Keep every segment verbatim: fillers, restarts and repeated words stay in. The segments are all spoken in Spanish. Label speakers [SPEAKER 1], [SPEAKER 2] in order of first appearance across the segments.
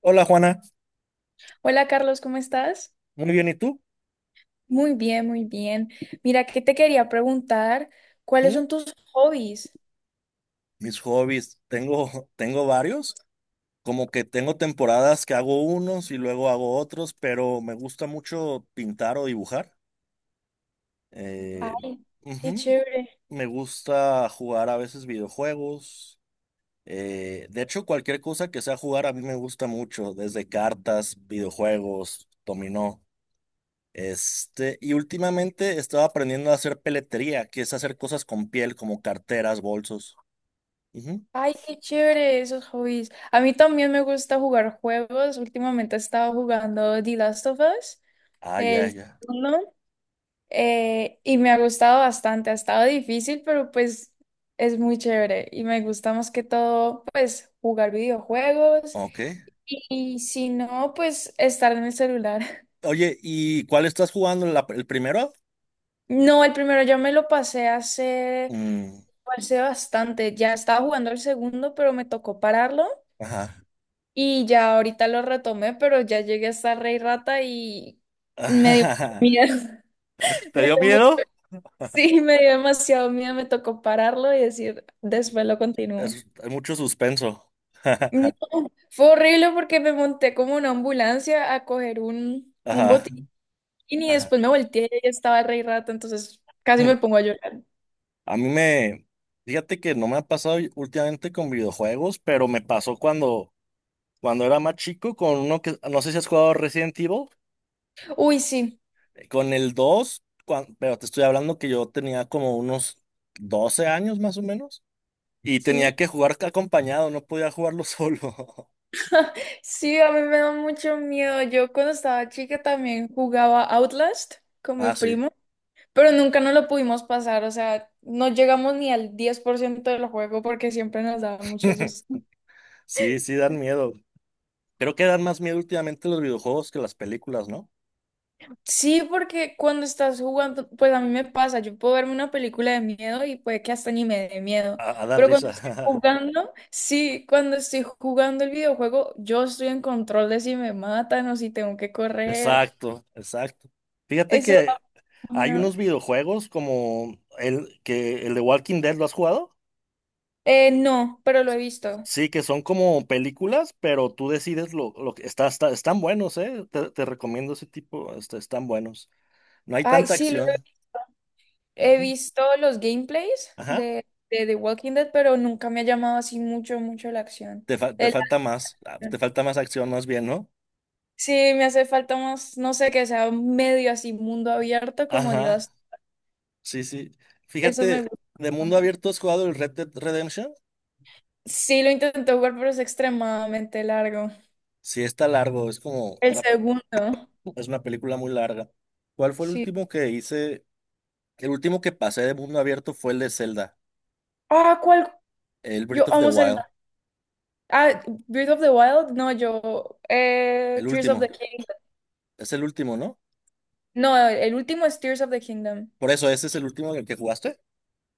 [SPEAKER 1] Hola Juana,
[SPEAKER 2] Hola Carlos, ¿cómo estás?
[SPEAKER 1] muy bien, ¿y tú?
[SPEAKER 2] Muy bien, muy bien. Mira, que te quería preguntar, ¿cuáles
[SPEAKER 1] ¿Mm?
[SPEAKER 2] son tus hobbies?
[SPEAKER 1] Mis hobbies, tengo, tengo varios, como que tengo temporadas que hago unos y luego hago otros, pero me gusta mucho pintar o dibujar. Eh,
[SPEAKER 2] Ay, qué
[SPEAKER 1] Ujú.
[SPEAKER 2] chévere.
[SPEAKER 1] Me gusta jugar a veces videojuegos. Eh, de hecho, cualquier cosa que sea jugar a mí me gusta mucho, desde cartas, videojuegos, dominó. Este, y últimamente estaba aprendiendo a hacer peletería, que es hacer cosas con piel, como carteras, bolsos.
[SPEAKER 2] Ay, qué chévere esos hobbies. A mí también me gusta jugar juegos. Últimamente he estado jugando The Last of Us,
[SPEAKER 1] Ah, ya,
[SPEAKER 2] el
[SPEAKER 1] ya.
[SPEAKER 2] segundo, eh, y me ha gustado bastante. Ha estado difícil, pero pues es muy chévere y me gusta más que todo, pues, jugar videojuegos
[SPEAKER 1] Ok.
[SPEAKER 2] y y si no, pues estar en el celular.
[SPEAKER 1] Oye, ¿y cuál estás jugando? ¿La- ¿El primero?
[SPEAKER 2] No, el primero ya me lo pasé hace,
[SPEAKER 1] Mm,
[SPEAKER 2] hace bastante. Ya estaba jugando el segundo, pero me tocó pararlo.
[SPEAKER 1] ajá.
[SPEAKER 2] Y ya ahorita lo retomé, pero ya llegué hasta Rey Rata y me dio miedo.
[SPEAKER 1] ¿Te
[SPEAKER 2] Me
[SPEAKER 1] dio
[SPEAKER 2] dio mu-
[SPEAKER 1] miedo?
[SPEAKER 2] sí, me dio demasiado miedo. Me tocó pararlo y decir, después lo continúo.
[SPEAKER 1] Es- hay mucho suspenso.
[SPEAKER 2] No, fue horrible porque me monté como una ambulancia a coger un, un
[SPEAKER 1] Ajá,
[SPEAKER 2] botín y
[SPEAKER 1] ajá.
[SPEAKER 2] después me volteé y ahí estaba el Rey Rata, entonces casi
[SPEAKER 1] Mm.
[SPEAKER 2] me pongo a llorar.
[SPEAKER 1] A mí me, fíjate que no me ha pasado últimamente con videojuegos, pero me pasó cuando, cuando era más chico con uno que, no sé si has jugado Resident Evil,
[SPEAKER 2] Uy, sí,
[SPEAKER 1] eh, con el dos. cuan- pero te estoy hablando que yo tenía como unos doce años más o menos. Y
[SPEAKER 2] sí.
[SPEAKER 1] tenía que jugar acompañado, no podía jugarlo solo.
[SPEAKER 2] Sí, a mí me da mucho miedo. Yo cuando estaba chica también jugaba Outlast con mi
[SPEAKER 1] Ah, sí.
[SPEAKER 2] primo, pero nunca nos lo pudimos pasar, o sea, no llegamos ni al diez por ciento del juego porque siempre nos daba mucho susto.
[SPEAKER 1] Sí, sí, dan miedo. Creo que dan más miedo últimamente los videojuegos que las películas, ¿no?
[SPEAKER 2] Sí, porque cuando estás jugando, pues a mí me pasa, yo puedo verme una película de miedo y puede que hasta ni me dé miedo,
[SPEAKER 1] A, a dar
[SPEAKER 2] pero
[SPEAKER 1] risa.
[SPEAKER 2] cuando estoy jugando, sí, cuando estoy jugando el videojuego, yo estoy en control de si me matan o si tengo que correr.
[SPEAKER 1] Exacto, exacto. Fíjate
[SPEAKER 2] Eso da
[SPEAKER 1] que hay
[SPEAKER 2] miedo.
[SPEAKER 1] unos videojuegos como el que el de Walking Dead, ¿lo has jugado?
[SPEAKER 2] Eh, no, pero lo he visto.
[SPEAKER 1] Sí, que son como películas, pero tú decides lo, lo que está, está- están buenos, ¿eh? Te, te recomiendo ese tipo, este, están buenos. No hay
[SPEAKER 2] Ay,
[SPEAKER 1] tanta
[SPEAKER 2] sí, lo he
[SPEAKER 1] acción.
[SPEAKER 2] he
[SPEAKER 1] Ujú.
[SPEAKER 2] visto los gameplays
[SPEAKER 1] Ajá.
[SPEAKER 2] de, de The Walking Dead, pero nunca me ha llamado así mucho, mucho la acción.
[SPEAKER 1] Te, fa- te
[SPEAKER 2] El-
[SPEAKER 1] falta más, ah, te falta más acción más bien, ¿no?
[SPEAKER 2] sí, me hace falta más, no sé, que sea medio así mundo abierto como
[SPEAKER 1] Ajá,
[SPEAKER 2] Dios.
[SPEAKER 1] sí, sí.
[SPEAKER 2] Eso me
[SPEAKER 1] Fíjate,
[SPEAKER 2] gusta
[SPEAKER 1] de mundo
[SPEAKER 2] bastante.
[SPEAKER 1] abierto has jugado el Red Dead Redemption.
[SPEAKER 2] Sí, lo intenté jugar, pero es extremadamente largo.
[SPEAKER 1] Sí, está largo, es como
[SPEAKER 2] El
[SPEAKER 1] una,
[SPEAKER 2] segundo,
[SPEAKER 1] es una película muy larga. ¿Cuál fue el
[SPEAKER 2] sí.
[SPEAKER 1] último que hice? El último que pasé de mundo abierto fue el de Zelda,
[SPEAKER 2] Ah, ¿cuál?
[SPEAKER 1] el Breath
[SPEAKER 2] Yo
[SPEAKER 1] of
[SPEAKER 2] amo
[SPEAKER 1] the
[SPEAKER 2] el...
[SPEAKER 1] Wild,
[SPEAKER 2] Ah, Breath of the Wild, no, yo... eh,
[SPEAKER 1] el
[SPEAKER 2] Tears of the
[SPEAKER 1] último.
[SPEAKER 2] Kingdom.
[SPEAKER 1] Es el último, ¿no?
[SPEAKER 2] No, el último es Tears of the Kingdom.
[SPEAKER 1] Por eso, ese es el último en el que jugaste.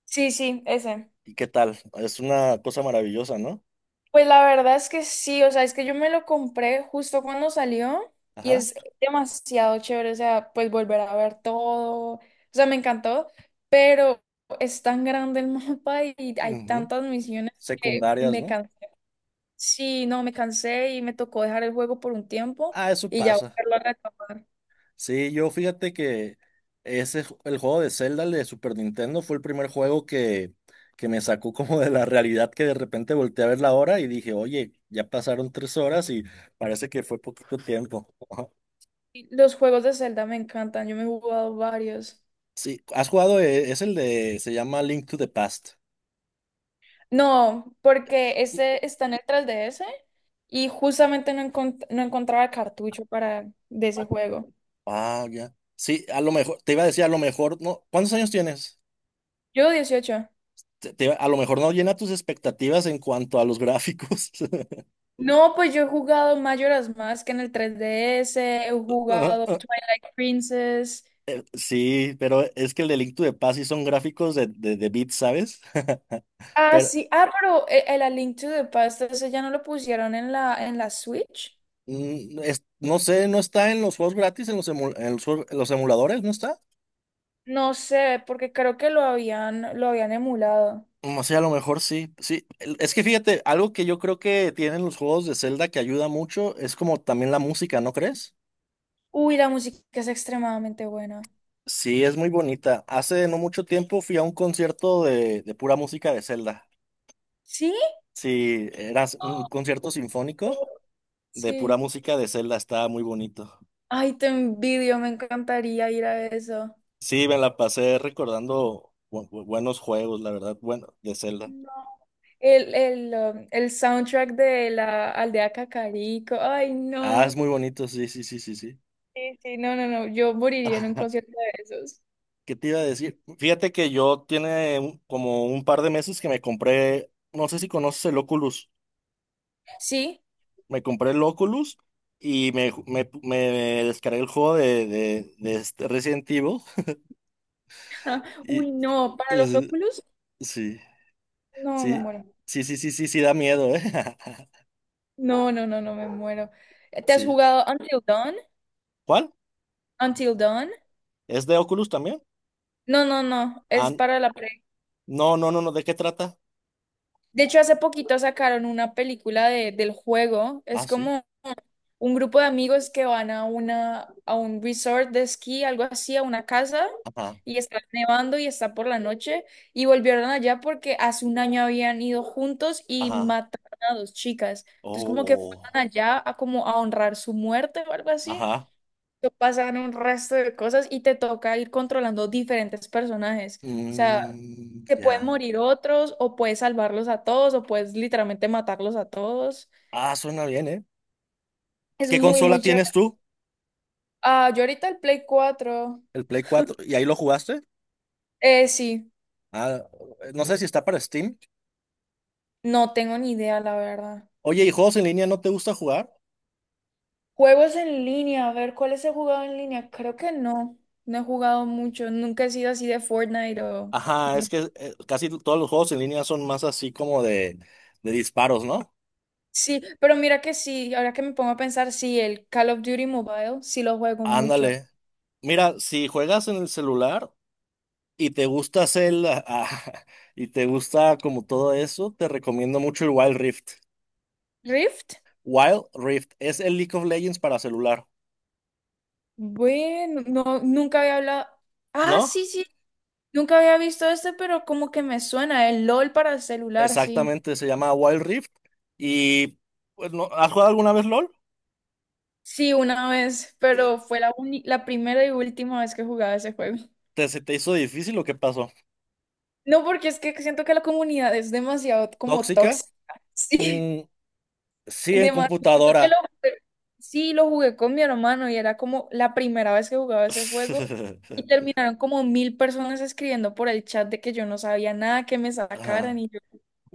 [SPEAKER 2] Sí, sí, ese.
[SPEAKER 1] ¿Y qué tal? Es una cosa maravillosa, ¿no?
[SPEAKER 2] Pues la verdad es que sí, o sea, es que yo me lo compré justo cuando salió y
[SPEAKER 1] Ajá.
[SPEAKER 2] es demasiado chévere, o sea, pues volver a ver todo, o sea, me encantó, pero es tan grande el mapa y hay
[SPEAKER 1] Ujú.
[SPEAKER 2] tantas misiones que
[SPEAKER 1] Secundarias,
[SPEAKER 2] me
[SPEAKER 1] ¿no?
[SPEAKER 2] cansé. Sí, no, me cansé y me tocó dejar el juego por un tiempo
[SPEAKER 1] Ah, eso
[SPEAKER 2] y ya
[SPEAKER 1] pasa.
[SPEAKER 2] volverlo a retomar.
[SPEAKER 1] Sí, yo fíjate que ese ju- el juego de Zelda el de Super Nintendo fue el primer juego que, que me sacó como de la realidad que de repente volteé a ver la hora y dije, oye, ya pasaron tres horas y parece que fue poquito tiempo.
[SPEAKER 2] Y los juegos de Zelda me encantan, yo me he jugado varios.
[SPEAKER 1] Sí, has jugado, eh, es el de, se llama Link to the Past.
[SPEAKER 2] No, porque ese está en el tres D S y justamente no, encont- no encontraba cartucho para de ese juego.
[SPEAKER 1] Ah, ya. Sí, a lo mejor, te iba a decir, a lo mejor, no, ¿cuántos años tienes?
[SPEAKER 2] Yo dieciocho.
[SPEAKER 1] Te- te iba- a lo mejor no llena tus expectativas en cuanto a los gráficos.
[SPEAKER 2] No, pues yo he jugado Majora's Mask en el tres D S, he jugado Twilight Princess.
[SPEAKER 1] Sí, pero es que el delicto de paz sí son gráficos de, de, de bits, ¿sabes?
[SPEAKER 2] Ah,
[SPEAKER 1] Pero
[SPEAKER 2] sí. Ah, pero e- el A Link to the Past, ese ya no lo pusieron en la, en la Switch.
[SPEAKER 1] mm, es- no sé, ¿no está en los juegos gratis, en los, emu- en los, juegos- en los emuladores? ¿No está?
[SPEAKER 2] No sé, porque creo que lo habían, lo habían emulado.
[SPEAKER 1] Mm, o sea, a lo mejor sí. Sí, el- es que fíjate, algo que yo creo que tienen los juegos de Zelda que ayuda mucho es como también la música, ¿no crees?
[SPEAKER 2] Uy, la música es extremadamente buena.
[SPEAKER 1] Sí, es muy bonita. Hace no mucho tiempo fui a un concierto de, de pura música de Zelda.
[SPEAKER 2] ¿Sí?
[SPEAKER 1] Sí, era un
[SPEAKER 2] Oh.
[SPEAKER 1] concierto sinfónico de pura
[SPEAKER 2] Sí.
[SPEAKER 1] música de Zelda, estaba muy bonito.
[SPEAKER 2] Ay, te envidio, me encantaría ir a eso.
[SPEAKER 1] Sí, me la pasé recordando bu- bu- buenos juegos, la verdad, bueno, de Zelda.
[SPEAKER 2] No. El, el, um, el soundtrack de la aldea Cacarico. Ay,
[SPEAKER 1] Ah,
[SPEAKER 2] no.
[SPEAKER 1] es muy bonito, sí, sí, sí, sí, sí.
[SPEAKER 2] Sí, sí, no, no, no. Yo moriría en un concierto de esos.
[SPEAKER 1] ¿Qué te iba a decir? Fíjate que yo tiene un- como un par de meses que me compré, no sé si conoces el Oculus,
[SPEAKER 2] ¿Sí?
[SPEAKER 1] me compré el Oculus y me, ju- me, me descargué el juego de, de, de este Resident Evil y
[SPEAKER 2] Uy, no. Para los
[SPEAKER 1] eh,
[SPEAKER 2] óculos,
[SPEAKER 1] sí,
[SPEAKER 2] no, me
[SPEAKER 1] sí,
[SPEAKER 2] muero.
[SPEAKER 1] sí, sí, sí, sí, sí, da miedo, ¿eh?
[SPEAKER 2] No, no, no, no, me muero. Eh, ¿Te has
[SPEAKER 1] Sí.
[SPEAKER 2] jugado Until Dawn?
[SPEAKER 1] ¿Cuál?
[SPEAKER 2] ¿Until Dawn?
[SPEAKER 1] ¿Es de Oculus también?
[SPEAKER 2] No, no, no. Es
[SPEAKER 1] Ah,
[SPEAKER 2] para la pre.
[SPEAKER 1] no, no, no, no, ¿de qué trata?
[SPEAKER 2] De hecho, hace poquito sacaron una película de, del juego.
[SPEAKER 1] Ah,
[SPEAKER 2] Es
[SPEAKER 1] sí.
[SPEAKER 2] como un grupo de amigos que van a una, a un resort de esquí, algo así, a una casa,
[SPEAKER 1] Ajá.
[SPEAKER 2] y está nevando y está por la noche, y volvieron allá porque hace un año habían ido juntos y
[SPEAKER 1] Ajá.
[SPEAKER 2] mataron a dos chicas. Entonces como que fueron
[SPEAKER 1] Oh, oh,
[SPEAKER 2] allá a como a honrar su muerte o algo así.
[SPEAKER 1] ajá.
[SPEAKER 2] Te pasan un resto de cosas y te toca ir controlando diferentes personajes. O sea,
[SPEAKER 1] Mm,
[SPEAKER 2] te pueden
[SPEAKER 1] ya.
[SPEAKER 2] morir otros, o puedes salvarlos a todos, o puedes literalmente matarlos a todos.
[SPEAKER 1] Ah, suena bien, ¿eh?
[SPEAKER 2] Es
[SPEAKER 1] ¿Qué
[SPEAKER 2] muy,
[SPEAKER 1] consola
[SPEAKER 2] muy chévere.
[SPEAKER 1] tienes tú?
[SPEAKER 2] Ah, yo ahorita el Play cuatro.
[SPEAKER 1] El Play cuatro. ¿Y ahí lo jugaste?
[SPEAKER 2] Eh, sí,
[SPEAKER 1] Ah, no sé si está para Steam.
[SPEAKER 2] no tengo ni idea, la verdad.
[SPEAKER 1] Oye, ¿y juegos en línea no te gusta jugar?
[SPEAKER 2] Juegos en línea, a ver, ¿cuáles he jugado en línea? Creo que no, no he jugado mucho, nunca he sido así de Fortnite o...
[SPEAKER 1] Ajá, es
[SPEAKER 2] No.
[SPEAKER 1] que eh, casi todos los juegos en línea son más así como de, de disparos, ¿no?
[SPEAKER 2] Sí, pero mira que sí, ahora que me pongo a pensar, sí, el Call of Duty Mobile, sí lo juego mucho.
[SPEAKER 1] Ándale. Mira, si juegas en el celular y te gusta hacer el- y te gusta como todo eso, te recomiendo mucho el Wild Rift.
[SPEAKER 2] ¿Rift?
[SPEAKER 1] Wild Rift es el League of Legends para celular,
[SPEAKER 2] Bueno, no, nunca había hablado. Ah,
[SPEAKER 1] ¿no?
[SPEAKER 2] sí, sí, nunca había visto este, pero como que me suena, el LOL para el celular, sí.
[SPEAKER 1] Exactamente, se llama Wild Rift. Y pues, no- ¿has jugado alguna vez LOL?
[SPEAKER 2] Sí, una vez, pero fue la, uni- la primera y última vez que jugaba ese juego.
[SPEAKER 1] ¿Te, se te hizo difícil o qué pasó?
[SPEAKER 2] No, porque es que siento que la comunidad es demasiado como
[SPEAKER 1] ¿Tóxica?
[SPEAKER 2] tóxica. Sí,
[SPEAKER 1] Mm, sí, en
[SPEAKER 2] demasiado. Siento que lo
[SPEAKER 1] computadora.
[SPEAKER 2] jugué- sí, lo jugué con mi hermano y era como la primera vez que jugaba ese juego y terminaron como mil personas escribiendo por el chat de que yo no sabía nada, que me sacaran
[SPEAKER 1] Ajá.
[SPEAKER 2] y yo,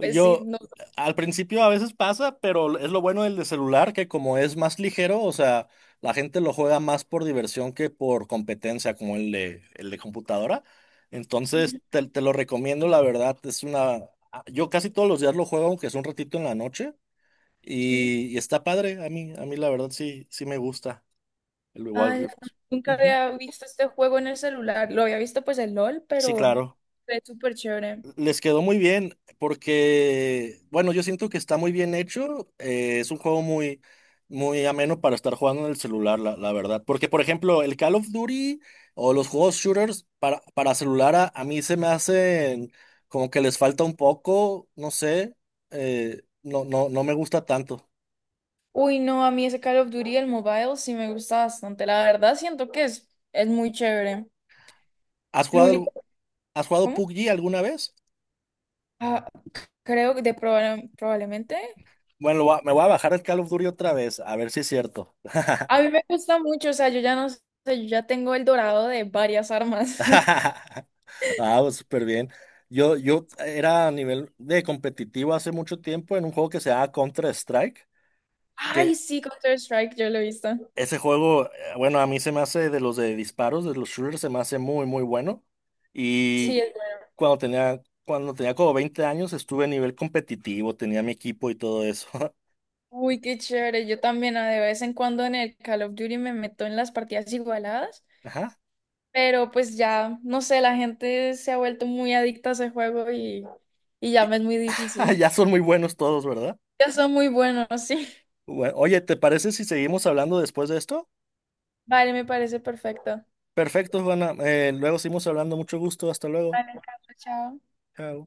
[SPEAKER 2] pues sí, no.
[SPEAKER 1] al principio a veces pasa, pero es lo bueno del de celular que como es más ligero, o sea, la gente lo juega más por diversión que por competencia como el de, el de computadora. Entonces, te, te lo recomiendo, la verdad, es una... ah, Yo casi todos los días lo juego, aunque es un ratito en la noche,
[SPEAKER 2] Sí.
[SPEAKER 1] y, y está padre, a mí, a mí la verdad sí, sí me gusta el Wild
[SPEAKER 2] Ay, la-
[SPEAKER 1] Rift.
[SPEAKER 2] nunca
[SPEAKER 1] Ujú.
[SPEAKER 2] había visto este juego en el celular. Lo había visto pues el LOL,
[SPEAKER 1] Sí,
[SPEAKER 2] pero
[SPEAKER 1] claro.
[SPEAKER 2] fue súper chévere.
[SPEAKER 1] Les quedó muy bien porque, bueno, yo siento que está muy bien hecho. eh, es un juego muy, muy ameno para estar jugando en el celular, la, la verdad. Porque, por ejemplo, el Call of Duty o los juegos shooters para, para celular a, a mí se me hacen como que les falta un poco, no sé, eh, no, no, no me gusta tanto.
[SPEAKER 2] Uy, no, a mí ese Call of Duty, el mobile, sí me gusta bastante. La verdad, siento que es, es muy chévere.
[SPEAKER 1] ¿Has
[SPEAKER 2] Lo
[SPEAKER 1] jugado, algu-
[SPEAKER 2] único,
[SPEAKER 1] has jugado
[SPEAKER 2] ¿cómo?
[SPEAKER 1] P U B G alguna vez?
[SPEAKER 2] Ah, creo que de proba- probablemente.
[SPEAKER 1] Bueno, lo voy a- me voy a bajar el Call of Duty otra vez, a ver si es cierto.
[SPEAKER 2] A mí me gusta mucho, o sea, yo ya no sé, yo ya tengo el dorado de varias armas.
[SPEAKER 1] Ah, pues, súper bien. Yo, yo era a nivel de competitivo hace mucho tiempo en un juego que se llama Counter-Strike,
[SPEAKER 2] Ay,
[SPEAKER 1] que
[SPEAKER 2] sí, Counter-Strike, yo lo he visto.
[SPEAKER 1] ese juego, eh, bueno, a mí se me hace de los de disparos, de los shooters, se me hace muy, muy bueno.
[SPEAKER 2] Sí,
[SPEAKER 1] Y
[SPEAKER 2] es bueno.
[SPEAKER 1] cuando tenía, cuando tenía como veinte años estuve a nivel competitivo, tenía mi equipo y todo eso.
[SPEAKER 2] Uy, qué chévere. Yo también ah, de vez en cuando en el Call of Duty me meto en las partidas igualadas,
[SPEAKER 1] Ajá.
[SPEAKER 2] pero pues ya, no sé, la gente se ha vuelto muy adicta a ese juego y, y ya me es muy difícil.
[SPEAKER 1] Ya son muy buenos todos, ¿verdad?
[SPEAKER 2] Ya son muy buenos, sí.
[SPEAKER 1] Bueno, oye, ¿te parece si seguimos hablando después de esto?
[SPEAKER 2] Vale, me parece perfecto.
[SPEAKER 1] Perfecto, Juana. Eh, luego seguimos hablando. Mucho gusto. Hasta luego.
[SPEAKER 2] Vale, Carlos, chao.
[SPEAKER 1] Chao.